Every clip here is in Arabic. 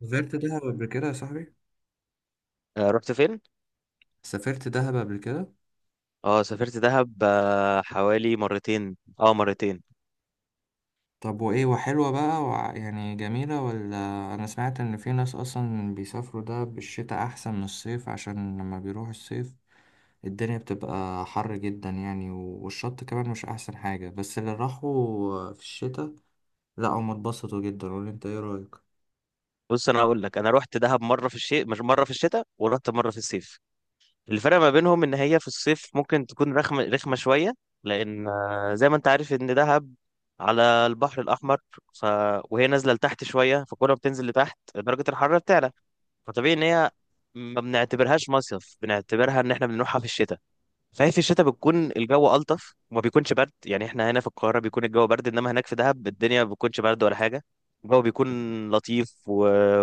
سافرت دهب قبل كده يا صاحبي. رحت فين؟ سافرت دهب قبل كده. اه، سافرت دهب، حوالي مرتين، مرتين. طب وايه، وحلوة بقى يعني، جميلة ولا؟ انا سمعت ان في ناس اصلا بيسافروا دهب بالشتاء احسن من الصيف، عشان لما بيروحوا الصيف الدنيا بتبقى حر جدا يعني، والشط كمان مش احسن حاجة، بس اللي راحوا في الشتاء، لا هم اتبسطوا جدا، ولا انت ايه رأيك؟ بص انا هقول لك، انا رحت دهب مره في الشتاء، مش مره في الشتاء ورحت مره في الصيف. الفرق ما بينهم ان هي في الصيف ممكن تكون رخمه رخمه شويه، لان زي ما انت عارف ان دهب على البحر الاحمر. ف... وهي نازله لتحت شويه، فكل ما بتنزل لتحت درجه الحراره بتعلى. فطبيعي ان هي ما بنعتبرهاش مصيف، بنعتبرها ان احنا بنروحها في الشتاء. صحيح في الشتاء بتكون الجو ألطف وما بيكونش برد، يعني احنا هنا في القاهرة بيكون الجو برد، انما هناك في دهب الدنيا ما بتكونش برد ولا حاجة. الجو بيكون لطيف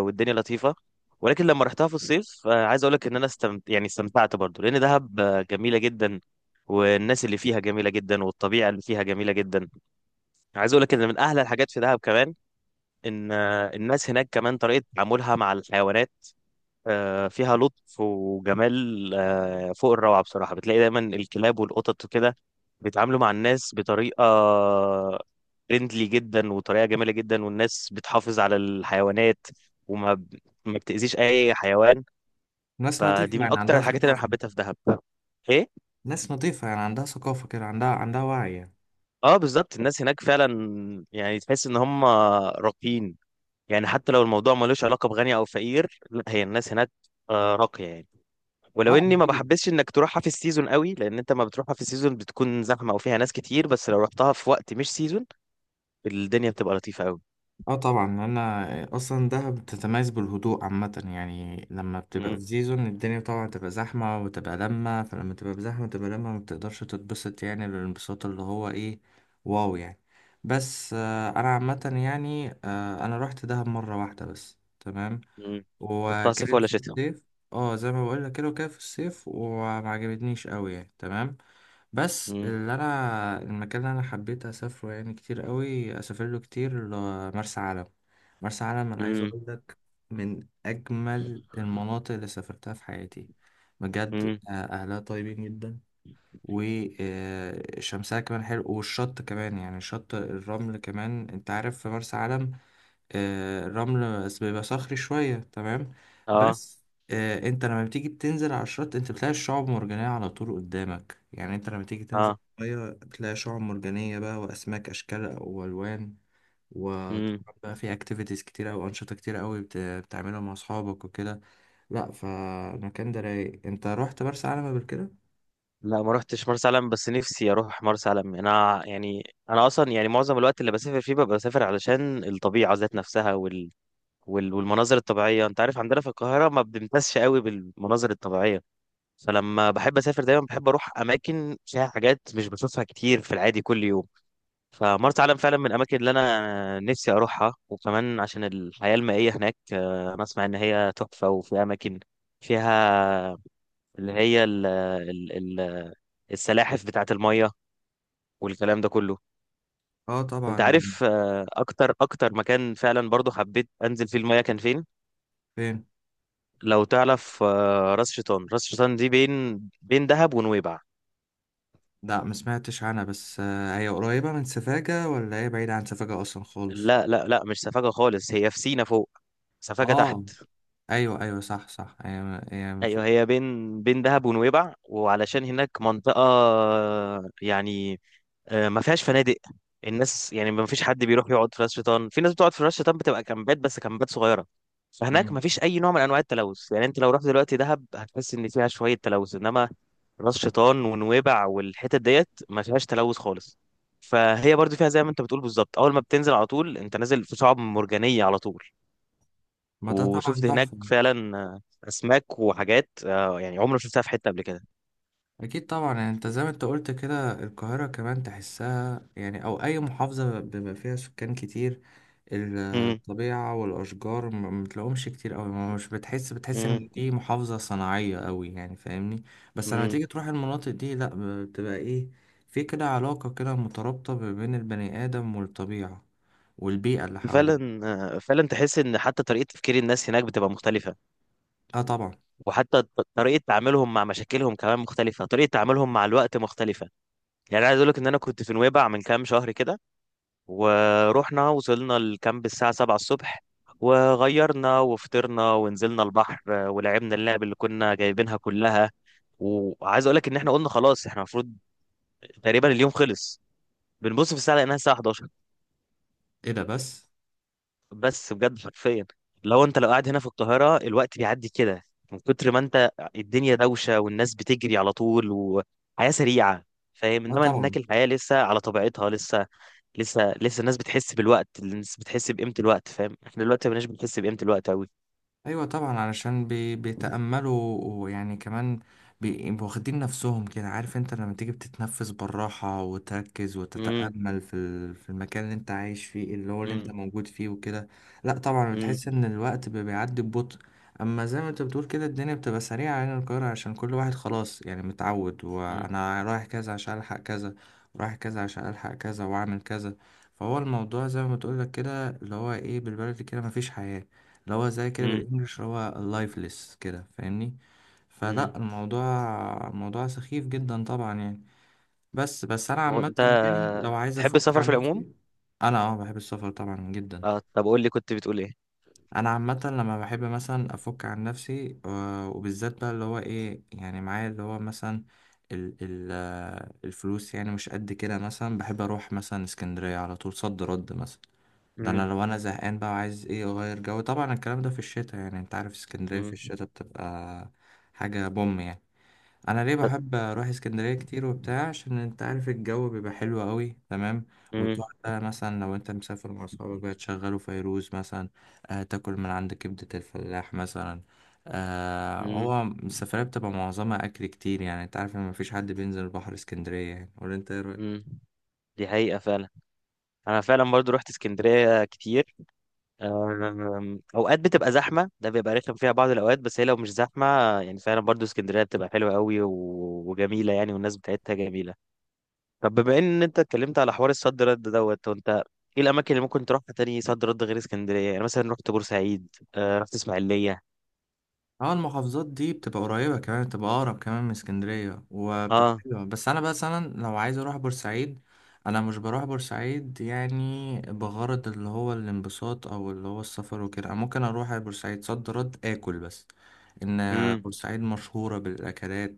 والدنيا لطيفة. ولكن لما رحتها في الصيف، عايز اقول لك ان انا استمتعت برضو، لان دهب جميلة جدا. والناس اللي فيها جميلة جدا والطبيعة اللي فيها جميلة جدا. عايز اقول لك ان من احلى الحاجات في دهب كمان، ان الناس هناك كمان طريقة تعاملها مع الحيوانات فيها لطف وجمال، فوق الروعة بصراحة. بتلاقي دايما الكلاب والقطط وكده بيتعاملوا مع الناس بطريقة فريندلي جدا، وطريقة جميلة جدا، والناس بتحافظ على الحيوانات، وما ب- ما بتأذيش أي حيوان. ناس نظيفة فدي من يعني أكتر عندها الحاجات اللي أنا ثقافة. حبيتها في دهب. إيه؟ ناس نظيفة يعني عندها ثقافة كده، عندها وعي يعني. أه بالظبط، الناس هناك فعلا يعني تحس إن هم راقيين. يعني حتى لو الموضوع ملوش علاقة بغني أو فقير، لا، هي الناس هناك راقية يعني. ولو اه اني ما اكيد. بحبسش انك تروحها في السيزون قوي، لان انت ما بتروحها في السيزون بتكون زحمه او فيها ناس كتير، بس لو رحتها في وقت مش سيزون الدنيا بتبقى لطيفه قوي. اه طبعا، انا اصلا دهب بتتميز بالهدوء عامه يعني، لما بتبقى في امم. سيزون الدنيا طبعا تبقى زحمه وتبقى لمه، فلما تبقى بزحمه تبقى لمه ما بتقدرش تتبسط، يعني الانبساط اللي هو ايه. واو يعني. بس انا عامه يعني، انا رحت دهب مره واحده بس، تمام. امم. رحتها صيف وكانت ولا في شتاء؟ الصيف. اه زي ما بقول لك كده، وكانت في الصيف وما عجبتنيش قوي يعني، تمام. بس امم. اللي انا، المكان اللي انا حبيت اسافره يعني كتير قوي، اسافر له كتير، مرسى علم. مرسى علم، انا عايز امم. اقول لك، من اجمل المناطق اللي سافرتها في حياتي. بجد، امم. اهلها طيبين جدا. وشمسها كمان حلو، والشط كمان يعني، شط الرمل كمان، انت عارف في مرسى علم الرمل بس بيبقى صخري شوية، تمام. اه. بس، انت لما بتيجي بتنزل على الشط انت بتلاقي الشعب مرجانية على طول قدامك، يعني انت لما تيجي تنزل اه. المية بتلاقي شعب مرجانية بقى، وأسماك أشكال وألوان. امم. وطبعا بقى في اكتيفيتيز كتير أو أنشطة كتير أوي بتعملها مع أصحابك وكده. لأ، فالمكان ده رايق. انت رحت مرسى علم قبل كده؟ لا، ما رحتش مرسى علم، بس نفسي اروح مرسى علم. انا يعني انا اصلا يعني معظم الوقت اللي بسافر فيه ببقى بسافر علشان الطبيعه ذات نفسها، والمناظر الطبيعيه. انت عارف عندنا في القاهره ما بنمتازش قوي بالمناظر الطبيعيه، فلما بحب اسافر دايما بحب اروح اماكن فيها حاجات مش بشوفها كتير في العادي كل يوم. فمرسى علم فعلا من الاماكن اللي انا نفسي اروحها، وكمان عشان الحياه المائيه هناك، انا اسمع ان هي تحفه، وفي اماكن فيها اللي هي ال ال ال السلاحف بتاعه الميه والكلام ده كله. اه انت طبعا. عارف اكتر اكتر مكان فعلا برضو حبيت انزل فيه الميه كان فين؟ فين؟ لو تعرف، راس شيطان. راس شيطان دي بين بين دهب ونويبع. لأ ما سمعتش عنها، بس هي قريبة من سفاجة ولا هي بعيدة عن سفاجة أصلا خالص؟ لا لا لا، مش سفاجة خالص، هي في سينا فوق، سفاجة تحت. اه. ايوه ايوه، صح صح، هي من ايوه فوق. هي بين بين دهب ونويبع. وعلشان هناك منطقة يعني ما فيهاش فنادق، الناس يعني ما فيش حد بيروح يقعد في راس شيطان. في ناس بتقعد في راس شيطان بتبقى كامبات، بس كامبات صغيرة. فهناك مم. ما فيش اي نوع من انواع التلوث. يعني انت لو رحت دلوقتي دهب هتحس ان فيها شوية تلوث، انما راس شيطان ونويبع والحتت ديت ما فيهاش تلوث خالص. فهي برضو فيها زي ما انت بتقول بالظبط، اول ما بتنزل على طول انت نازل في شعاب مرجانية على طول. ما ده طبعا وشفت هناك تحفه. فعلا اسماك وحاجات يعني عمري ما شفتها في حته قبل كده. اكيد طبعا، يعني انت زي ما انت قلت كده، القاهره كمان تحسها يعني، او اي محافظه بيبقى فيها سكان كتير، امم. الطبيعه والاشجار ما بتلاقوهمش كتير قوي، ما مش بتحس امم. ان دي محافظه صناعيه قوي يعني، فاهمني؟ بس لما امم. تيجي تروح المناطق دي، لا، بتبقى ايه، في كده علاقه كده مترابطه ما بين البني ادم والطبيعه والبيئه اللي حواليه. فعلا، فعلا تحس ان حتى طريقه تفكير الناس هناك بتبقى مختلفه. اه طبعا. وحتى طريقه تعاملهم مع مشاكلهم كمان مختلفه، طريقه تعاملهم مع الوقت مختلفه. يعني عايز اقول لك ان انا كنت في نويبع من كام شهر كده، ورحنا وصلنا الكامب الساعه 7 الصبح، وغيرنا وفطرنا ونزلنا البحر، ولعبنا اللعب اللي كنا جايبينها كلها. وعايز اقول لك ان احنا قلنا خلاص احنا المفروض تقريبا اليوم خلص، بنبص في الساعه لقيناها الساعه 11. ايه ده بس. بس بجد حرفيا، لو انت لو قاعد هنا في القاهره الوقت بيعدي كده، من كتر ما انت الدنيا دوشه والناس بتجري على طول وحياه سريعه، فاهم؟ اه انما هناك طبعا. الحياه لسه على طبيعتها. لسه، لسه لسه الناس بتحس بالوقت، الناس بتحس بقيمه الوقت، فاهم؟ احنا دلوقتي ما بناش بنحس بقيمه الوقت قوي. ايوه طبعا، علشان بيتأملوا، ويعني كمان بيبقوا واخدين نفسهم كده، عارف، انت لما تيجي بتتنفس بالراحة وتركز امم. وتتأمل في المكان اللي انت عايش فيه، اللي هو اللي انت امم. موجود فيه وكده. لا طبعا، امم. بتحس ان الوقت بيعدي ببطء، اما زي ما انت بتقول كده، الدنيا بتبقى سريعة هنا القاهرة، عشان كل واحد خلاص يعني متعود، وانا رايح كذا عشان الحق كذا، ورايح كذا عشان الحق كذا واعمل كذا. فهو الموضوع زي ما بتقول لك كده، اللي هو ايه، بالبلدي كده مفيش حياة، اللي هو زي كده امم. بالانجلش، اللي هو لايفلس كده، فاهمني؟ امم. فلا، الموضوع، الموضوع سخيف جدا طبعا يعني. بس انا هو عامه انت يعني، لو عايز تحب افك السفر عن في العموم؟ نفسي. انا اه بحب السفر طبعا جدا. اه طب قول لي كنت بتقول ايه؟ انا عامه لما بحب مثلا افك عن نفسي، وبالذات بقى اللي هو ايه يعني، معايا اللي هو مثلا ال ال الفلوس يعني مش قد كده، مثلا بحب اروح مثلا اسكندريه على طول صد رد مثلا. ده انا امم. لو انا زهقان بقى، وعايز ايه اغير جو، طبعا الكلام ده في الشتاء، يعني انت عارف اسكندرية في الشتاء بتبقى حاجة بوم يعني. انا ليه بحب اروح اسكندرية كتير وبتاع، عشان انت عارف الجو بيبقى حلو قوي، تمام، امم. وتقعد بقى مثلا لو انت مسافر مع صحابك بقى تشغلوا فيروز مثلا، تاكل من عند كبدة الفلاح مثلا. هو السفرية بتبقى معظمها اكل كتير يعني، انت عارف ان مفيش حد بينزل البحر اسكندرية يعني، ولا انت ايه؟ مم. دي حقيقة فعلا. أنا فعلا برضو رحت اسكندرية كتير. أوقات بتبقى زحمة، ده بيبقى رخم فيها بعض الأوقات، بس هي لو مش زحمة يعني فعلا برضو اسكندرية بتبقى حلوة قوي وجميلة يعني، والناس بتاعتها جميلة. طب بما إن أنت اتكلمت على حوار الصد رد دوت وأنت، إيه الأماكن اللي ممكن تروحها تاني صد رد غير اسكندرية؟ يعني مثلا رحت بورسعيد، رحت إسماعيلية. اه، المحافظات دي بتبقى قريبة كمان، بتبقى أقرب كمان من اسكندرية وبتبقى أه. حلوة، بس أنا مثلا لو عايز أروح بورسعيد، أنا مش بروح بورسعيد يعني بغرض اللي هو الانبساط أو اللي هو السفر وكده، أنا ممكن أروح على بورسعيد صد رد آكل بس، إن أمم. بورسعيد مشهورة بالأكلات،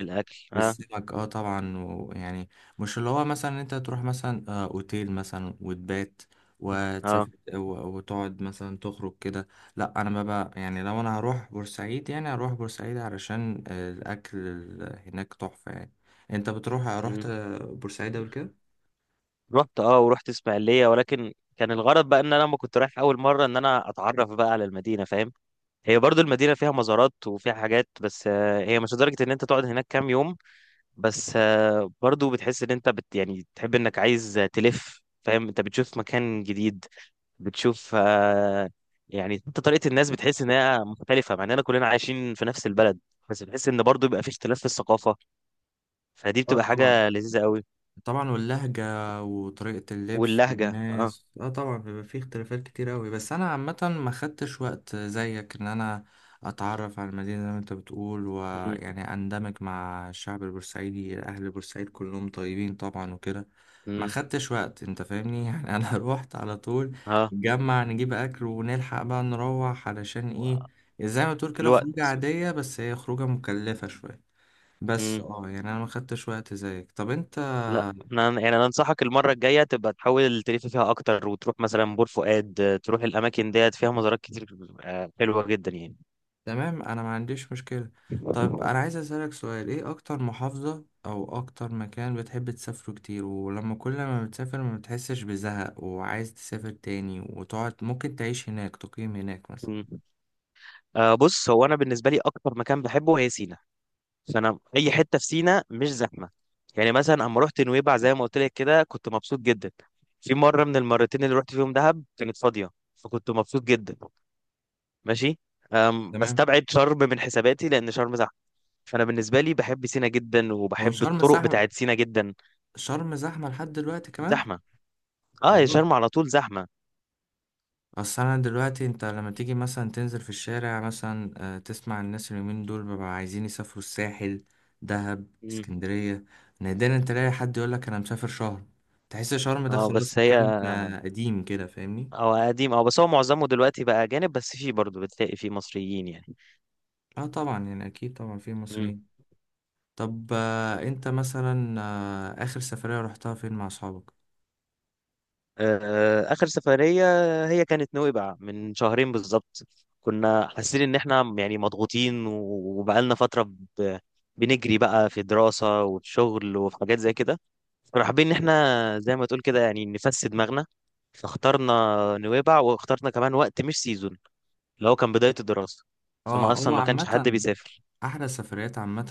الأكل أه. بالسمك، اه طبعا، ويعني، مش اللي هو مثلا انت تروح مثلا اوتيل مثلا وتبات أه. وتسافر، وتقعد مثلا تخرج كده. لا انا ما بقى يعني، لو انا هروح بورسعيد يعني هروح بورسعيد علشان الاكل هناك تحفة يعني. انت رحت مم. بورسعيد قبل كده؟ رحت اه ورحت اسماعيليه، ولكن كان الغرض بقى ان انا لما كنت رايح اول مره ان انا اتعرف بقى على المدينه، فاهم؟ هي برضو المدينه فيها مزارات وفيها حاجات، بس هي مش لدرجه ان انت تقعد هناك كام يوم. بس برضو بتحس ان انت يعني تحب انك عايز تلف، فاهم؟ انت بتشوف مكان جديد، بتشوف يعني انت طريقه الناس بتحس انها مختلفه، مع اننا كلنا عايشين في نفس البلد. بس بتحس ان برضو بيبقى في اختلاف في الثقافه. فدي بتبقى اه طبعا. حاجه لذيذه قوي. طبعا، واللهجة وطريقة اللبس واللهجه اه. والناس، اه طبعا بيبقى فيه اختلافات كتير اوي، بس انا عامة ما خدتش وقت زيك ان انا اتعرف على المدينة زي ما انت بتقول، امم. ويعني اندمج مع الشعب البورسعيدي، اهل بورسعيد كلهم طيبين طبعا وكده. ما امم. خدتش وقت، انت فاهمني، يعني انا روحت على طول، اه. نجمع نجيب اكل ونلحق بقى نروح، علشان ايه، زي ما تقول كده خروجة الوقت. عادية، بس هي خروجة مكلفة شوية. بس امم. اه يعني انا ما خدتش وقت زيك. طب انت؟ لا انا يعني انا انصحك المره الجايه تبقى تحاول تلف فيها اكتر، وتروح مثلا بور فؤاد، تروح الاماكن ديت، فيها مزارات كتير حلوه جدا يعني. تمام، انا ما عنديش مشكلة. طب انا عايز اسألك سؤال، ايه اكتر محافظة او اكتر مكان بتحب تسافره كتير، ولما كل ما بتسافر ما بتحسش بزهق وعايز تسافر تاني، وتقعد ممكن تعيش هناك، تقيم هناك مثلا؟ مم. بص، هو انا بالنسبه لي اكتر مكان بحبه هي سينا. فانا اي حته في سينا مش زحمه. يعني مثلا اما رحت نويبع زي ما قلت لك كده كنت مبسوط جدا. في مره من المرتين اللي رحت فيهم دهب كانت فاضيه، فكنت مبسوط جدا. ماشي. تمام. بستبعد شرم من حساباتي لان شرم زحمه. فانا بالنسبه لي بحب سينا جدا، هو وبحب شرم الطرق زحمة؟ بتاعت سينا جدا. شرم زحمة لحد دلوقتي كمان؟ زحمه، يا اه، يا راجل. شرم على طول زحمه. اصل انا دلوقتي، انت لما تيجي مثلا تنزل في الشارع مثلا، تسمع الناس اليومين دول بيبقوا عايزين يسافروا الساحل، دهب، مم. اسكندرية، نادرا تلاقي حد يقولك انا مسافر شرم، تحس شرم ده اه خلاص بس هي، مكان قديم كده، فاهمني؟ اه قديم، اه بس هو معظمه دلوقتي بقى اجانب، بس فيه برضه بتلاقي فيه مصريين يعني. اه طبعا، يعني اكيد طبعا في مم. مصريين. طب انت مثلا، اخر سفرية رحتها فين مع اصحابك؟ آخر سفرية هي كانت نويبع من شهرين بالظبط. كنا حاسين إن إحنا يعني مضغوطين وبقالنا فترة، ب- بنجري بقى في دراسة وفي شغل وفي حاجات زي كده. كنا حابين إن إحنا زي ما تقول كده يعني نفسي دماغنا. فاخترنا نويبع، واخترنا كمان وقت مش سيزون، اللي هو كان بداية الدراسة. فما اه، أصلا هو ما كانش حد عامة بيسافر. احلى السفريات، عامة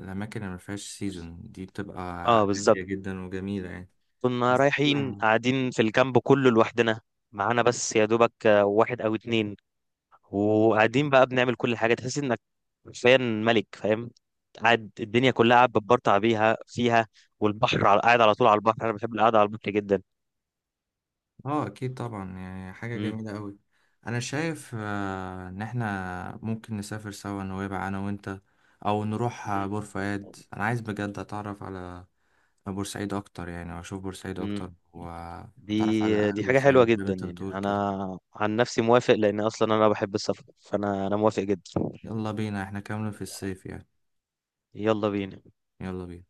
الاماكن اللي ما فيهاش سيزون دي بتبقى اه بالظبط. هادية جدا وجميلة يعني. كنا رايحين قاعدين في الكامب كله لوحدنا، معانا بس يا دوبك واحد أو اتنين. وقاعدين بقى بنعمل كل حاجه، تحس انك حرفيا ملك، فاهم؟ قاعد الدنيا كلها قاعد بتبرطع بيها فيها. والبحر قاعد على طول على البحر، انا بحب القعده على البحر جدا. اه اكيد طبعا، يعني حاجة مم. جميلة قوي. انا شايف ان احنا ممكن نسافر سوا نويبع انا وانت، او نروح مم. بور فؤاد، انا عايز بجد اتعرف على بورسعيد اكتر يعني، واشوف بورسعيد مم. اكتر دي واتعرف على اهل دي حاجه حلوه بورسعيد زي ما جدا انت يعني، بتقول كده. انا عن نفسي موافق لان اصلا انا بحب السفر، فانا موافق جدا. يلا بينا، احنا كاملين في الصيف يعني. يلا بينا. يلا بينا.